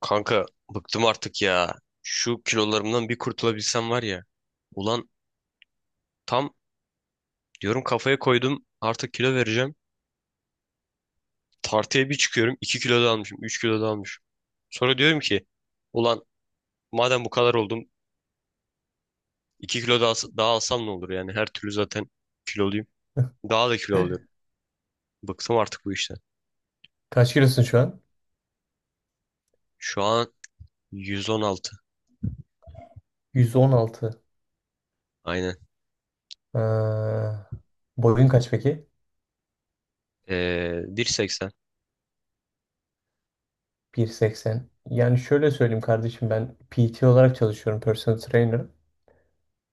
Kanka, bıktım artık ya. Şu kilolarımdan bir kurtulabilsem var ya. Ulan, tam diyorum, kafaya koydum, artık kilo vereceğim. Tartıya bir çıkıyorum, 2 kilo da almışım, 3 kilo da almışım. Sonra diyorum ki ulan, madem bu kadar oldum, 2 kilo daha, alsam ne olur yani, her türlü zaten kiloluyum. Daha da kilo alıyorum. Bıktım artık bu işten. Kaç kilosun şu an? Şu an 116. 116. Aynen. Ha, boyun kaç peki? Ee, 1.80. 1.80. Yani şöyle söyleyeyim kardeşim ben PT olarak çalışıyorum. Personal trainer.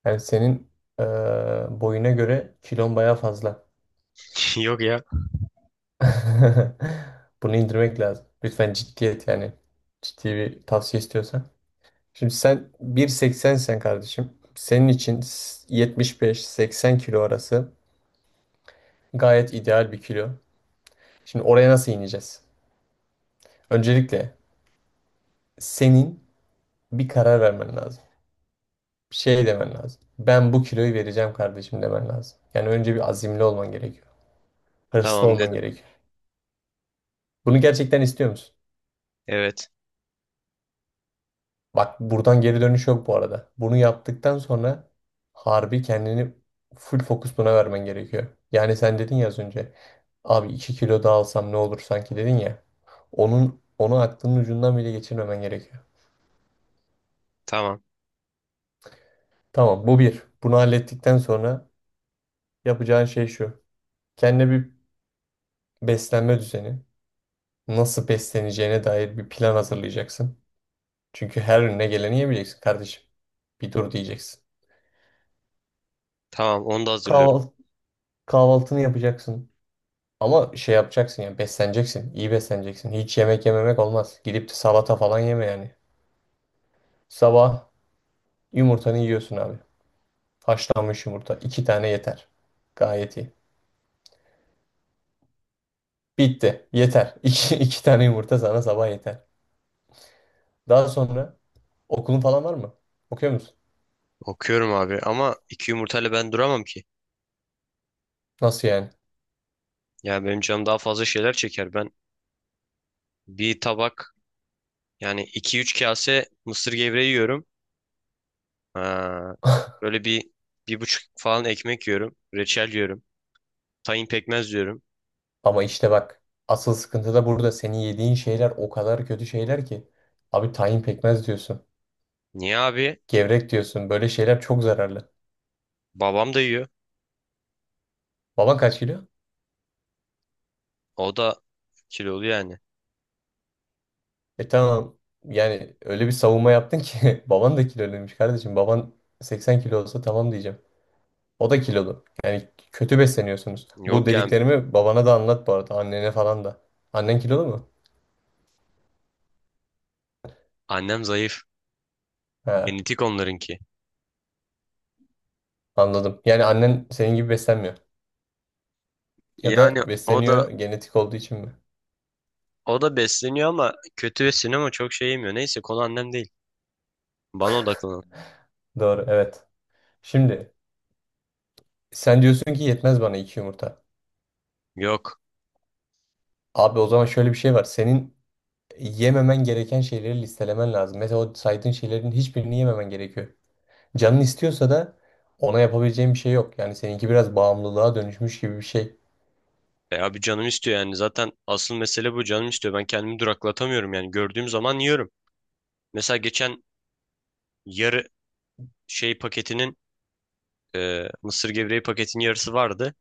Yani senin eee, boyuna göre kilon baya fazla. Yok ya. Bunu indirmek lazım. Lütfen ciddiyet yani. Ciddi bir tavsiye istiyorsan. Şimdi sen 1.80 sen kardeşim. Senin için 75-80 kilo arası gayet ideal bir kilo. Şimdi oraya nasıl ineceğiz? Öncelikle senin bir karar vermen lazım. Bir şey demen lazım. Ben bu kiloyu vereceğim kardeşim demen lazım. Yani önce bir azimli olman gerekiyor. Hırslı Tamam olman dedim. gerekiyor. Bunu gerçekten istiyor musun? Evet. Bak buradan geri dönüş yok bu arada. Bunu yaptıktan sonra harbi kendini full fokus buna vermen gerekiyor. Yani sen dedin ya az önce. Abi 2 kilo daha alsam ne olur sanki dedin ya. Onu aklının ucundan bile geçirmemen gerekiyor. Tamam, Tamam bu bir. Bunu hallettikten sonra yapacağın şey şu. Kendine bir beslenme düzeni. Nasıl besleneceğine dair bir plan hazırlayacaksın. Çünkü her önüne geleni yemeyeceksin kardeşim. Bir dur diyeceksin. tamam onu da hazırlıyorum. Kahval- kahvaltını yapacaksın. Ama şey yapacaksın yani besleneceksin. İyi besleneceksin. Hiç yemek yememek olmaz. Gidip de salata falan yeme yani. Sabah yumurtanı yiyorsun abi. Haşlanmış yumurta. 2 tane yeter. Gayet iyi. Bitti. Yeter. İki tane yumurta sana sabah yeter. Daha sonra okulun falan var mı? Okuyor musun? Okuyorum abi, ama iki yumurtayla ben duramam ki. Nasıl yani? Ya benim canım daha fazla şeyler çeker. Ben bir tabak, yani 2-3 kase mısır gevreği yiyorum. Ha, böyle 1,5 falan ekmek yiyorum. Reçel yiyorum. Tahin pekmez yiyorum. Ama işte bak asıl sıkıntı da burada. Senin yediğin şeyler o kadar kötü şeyler ki. Abi tahin pekmez diyorsun. Niye abi? Gevrek diyorsun. Böyle şeyler çok zararlı. Babam da yiyor. Baban kaç kilo? O da kilolu yani. E tamam. Yani öyle bir savunma yaptın ki baban da kiloluymuş kardeşim. Baban 80 kilo olsa tamam diyeceğim. O da kilolu. Yani kötü besleniyorsunuz. Bu Yok yani, dediklerimi babana da anlat bu arada. Annene falan da. Annen kilolu mu? annem zayıf. He, Genetik onlarınki. anladım. Yani annen senin gibi beslenmiyor. Ya Yani da o da besleniyor genetik olduğu için mi? Besleniyor ama kötü besleniyor, ama çok şey yemiyor. Neyse, konu annem değil. Bana odaklanın. Doğru, evet. Şimdi sen diyorsun ki yetmez bana iki yumurta. Yok. Abi o zaman şöyle bir şey var. Senin yememen gereken şeyleri listelemen lazım. Mesela o saydığın şeylerin hiçbirini yememen gerekiyor. Canın istiyorsa da ona yapabileceğin bir şey yok. Yani seninki biraz bağımlılığa dönüşmüş gibi bir şey. E abi, canım istiyor yani. Zaten asıl mesele bu. Canım istiyor. Ben kendimi duraklatamıyorum yani. Gördüğüm zaman yiyorum. Mesela geçen yarı paketinin mısır gevreği paketinin yarısı vardı.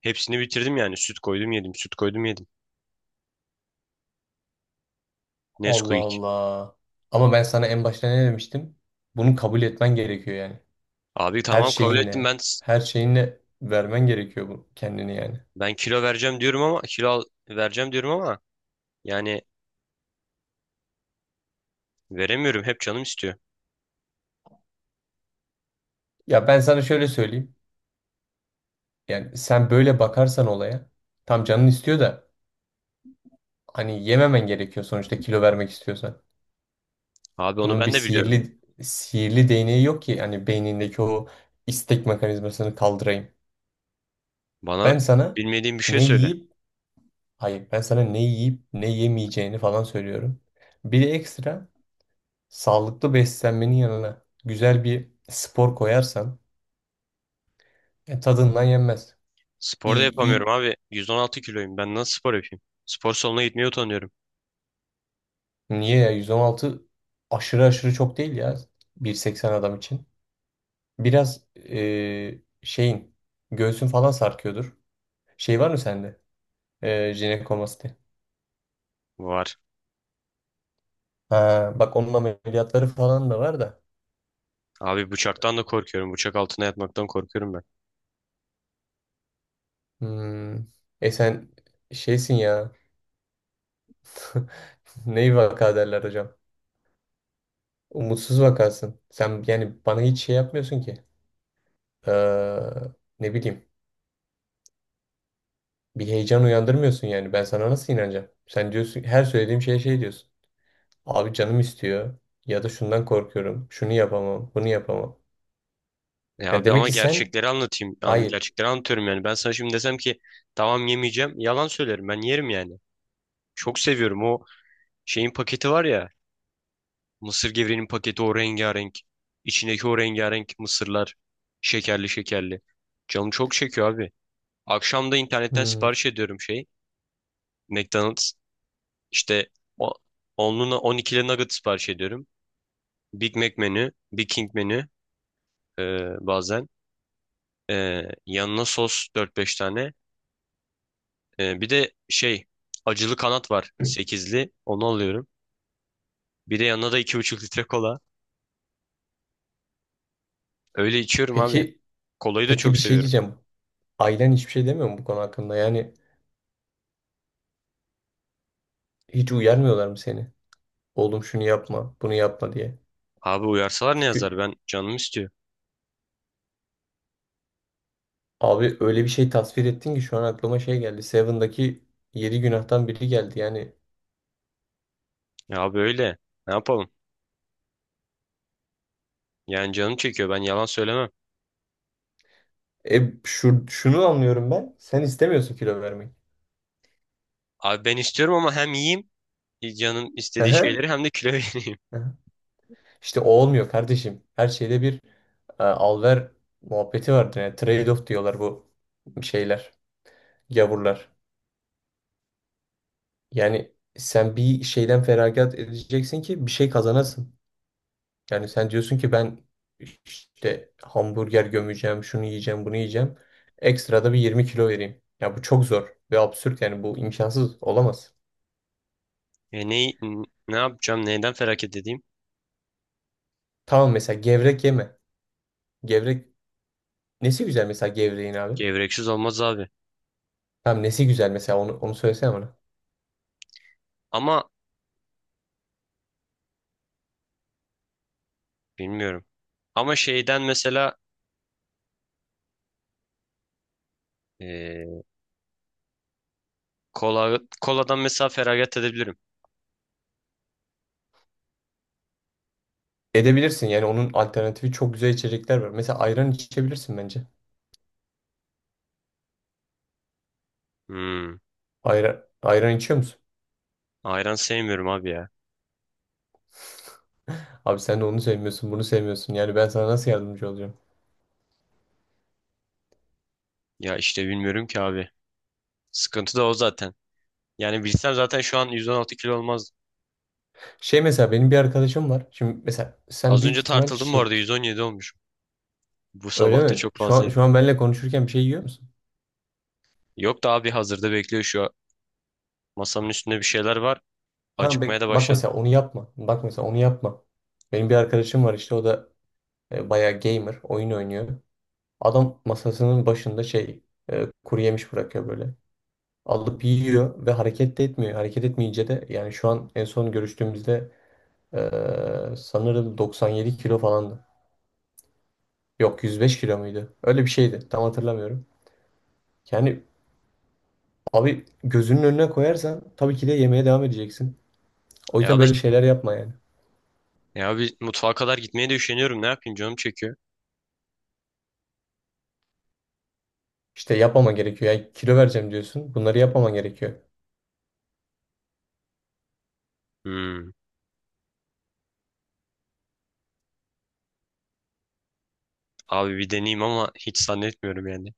Hepsini bitirdim yani. Süt koydum yedim. Süt koydum yedim. Allah Nesquik. Allah. Ama ben sana en başta ne demiştim? Bunu kabul etmen gerekiyor yani. Abi Her tamam, kabul ettim şeyinle, ben. her şeyinle vermen gerekiyor bu kendini yani. Kilo vereceğim diyorum ama vereceğim diyorum ama yani veremiyorum. Hep canım istiyor. Ya ben sana şöyle söyleyeyim. Yani sen böyle bakarsan olaya, tam canın istiyor da hani yememen gerekiyor sonuçta kilo vermek istiyorsan. Abi onu Bunun bir ben de biliyorum. sihirli sihirli değneği yok ki hani beynindeki o istek mekanizmasını kaldırayım. Bana Ben sana bilmediğim bir şey ne söyle. yiyip hayır ben sana ne yiyip ne yemeyeceğini falan söylüyorum. Bir de ekstra sağlıklı beslenmenin yanına güzel bir spor koyarsan tadından yenmez. Spor da İyi yapamıyorum iyi. abi. 116 kiloyum. Ben nasıl spor yapayım? Spor salonuna gitmeye utanıyorum. Niye ya 116 aşırı aşırı çok değil ya 1.80 adam için. Biraz şeyin göğsün falan sarkıyordur. Şey var mı sende? Jinekomasti. Var. Ha, bak onun ameliyatları falan da var da. Abi bıçaktan da korkuyorum. Bıçak altına yatmaktan korkuyorum ben. Hmm. E sen şeysin ya. Neyi vaka derler hocam? Umutsuz vakasın. Sen yani bana hiç şey yapmıyorsun ki. Ee, Ne bileyim. Bir heyecan uyandırmıyorsun yani. Ben sana nasıl inanacağım? Sen diyorsun her söylediğim şeye şey diyorsun. Abi canım istiyor. Ya da şundan korkuyorum. Şunu yapamam. Bunu yapamam. E Yani abi, demek ama ki sen. gerçekleri anlatayım. Hayır. Gerçekleri anlatıyorum yani. Ben sana şimdi desem ki tamam, yemeyeceğim. Yalan söylerim. Ben yerim yani. Çok seviyorum. O şeyin paketi var ya. Mısır gevreğinin paketi, o rengarenk. İçindeki o rengarenk mısırlar. Şekerli şekerli. Canım çok çekiyor abi. Akşam da internetten Hmm. sipariş ediyorum McDonald's. İşte o- onluna 12'li nugget sipariş ediyorum. Big Mac menü. Big King menü. e, Bazen. Yanına sos 4-5 tane. Bir de acılı kanat var, 8'li. Onu alıyorum. Bir de yanına da 2,5 litre kola. Öyle içiyorum abi. Peki Kolayı da peki çok bir şey seviyorum. diyeceğim. Ailen hiçbir şey demiyor mu bu konu hakkında? Yani hiç uyarmıyorlar mı seni? Oğlum şunu yapma, bunu yapma diye. Abi uyarsalar ne yazar, Çünkü ben canım istiyor. abi öyle bir şey tasvir ettin ki şu an aklıma şey geldi. Seven'daki yedi günahtan biri geldi. Yani Ya abi, öyle ne yapalım. Yani canım çekiyor, ben yalan söylemem. Şunu anlıyorum ben. Sen istemiyorsun kilo vermek. Abi ben istiyorum, ama hem yiyeyim canım Hı istediği hı, şeyleri, hem de kilo vereyim. hı. İşte o olmuyor kardeşim. Her şeyde bir al ver muhabbeti vardır. Yani trade-off diyorlar bu şeyler, gavurlar. Yani sen bir şeyden feragat edeceksin ki bir şey kazanasın. Yani sen diyorsun ki ben işte hamburger gömeceğim, şunu yiyeceğim, bunu yiyeceğim. Ekstra da bir 20 kilo vereyim. Ya bu çok zor ve absürt yani bu imkansız olamaz. E ne, Ne yapacağım, neyden feragat edeyim? Tamam mesela gevrek yeme. Gevrek nesi güzel mesela gevreğin abi? Gevreksiz olmaz abi. Tamam nesi güzel mesela onu söylesene bana. Ama bilmiyorum. Ama şeyden mesela e, kola, koladan mesela feragat edebilirim. Edebilirsin yani onun alternatifi çok güzel içecekler var. Mesela ayran içebilirsin bence. Hmm. Ayran içiyor musun? Ayran sevmiyorum abi ya. Abi sen de onu sevmiyorsun, bunu sevmiyorsun. Yani ben sana nasıl yardımcı olacağım? Ya işte bilmiyorum ki abi. Sıkıntı da o zaten. Yani bilsem zaten şu an 116 kilo olmaz. Şey mesela benim bir arkadaşım var. Şimdi mesela sen Az büyük önce ihtimal tartıldım bu arada, şey 117 olmuş. Bu öyle sabah da mi? çok Şu an fazlaydı. şu an benimle konuşurken bir şey yiyor musun? Yok da abi, hazırda bekliyor şu an. Masamın üstünde bir şeyler var. Ha Acıkmaya bak, da bak başladım. mesela onu yapma. Bak mesela onu yapma. Benim bir arkadaşım var işte o da bayağı gamer, oyun oynuyor. Adam masasının başında şey kuru yemiş bırakıyor böyle. Alıp yiyor ve hareket de etmiyor. Hareket etmeyince de yani şu an en son görüştüğümüzde sanırım 97 kilo falandı. Yok 105 kilo muydu? Öyle bir şeydi. Tam hatırlamıyorum. Yani abi gözünün önüne koyarsan tabii ki de yemeye devam edeceksin. O Ya yüzden abi böyle şeyler yapma yani. Ya abi, mutfağa kadar gitmeye de üşeniyorum. Ne yapayım, canım çekiyor. İşte yapmaman gerekiyor. Yani kilo vereceğim diyorsun. Bunları yapmaman gerekiyor. Hmm. Abi bir deneyeyim, ama hiç zannetmiyorum yani.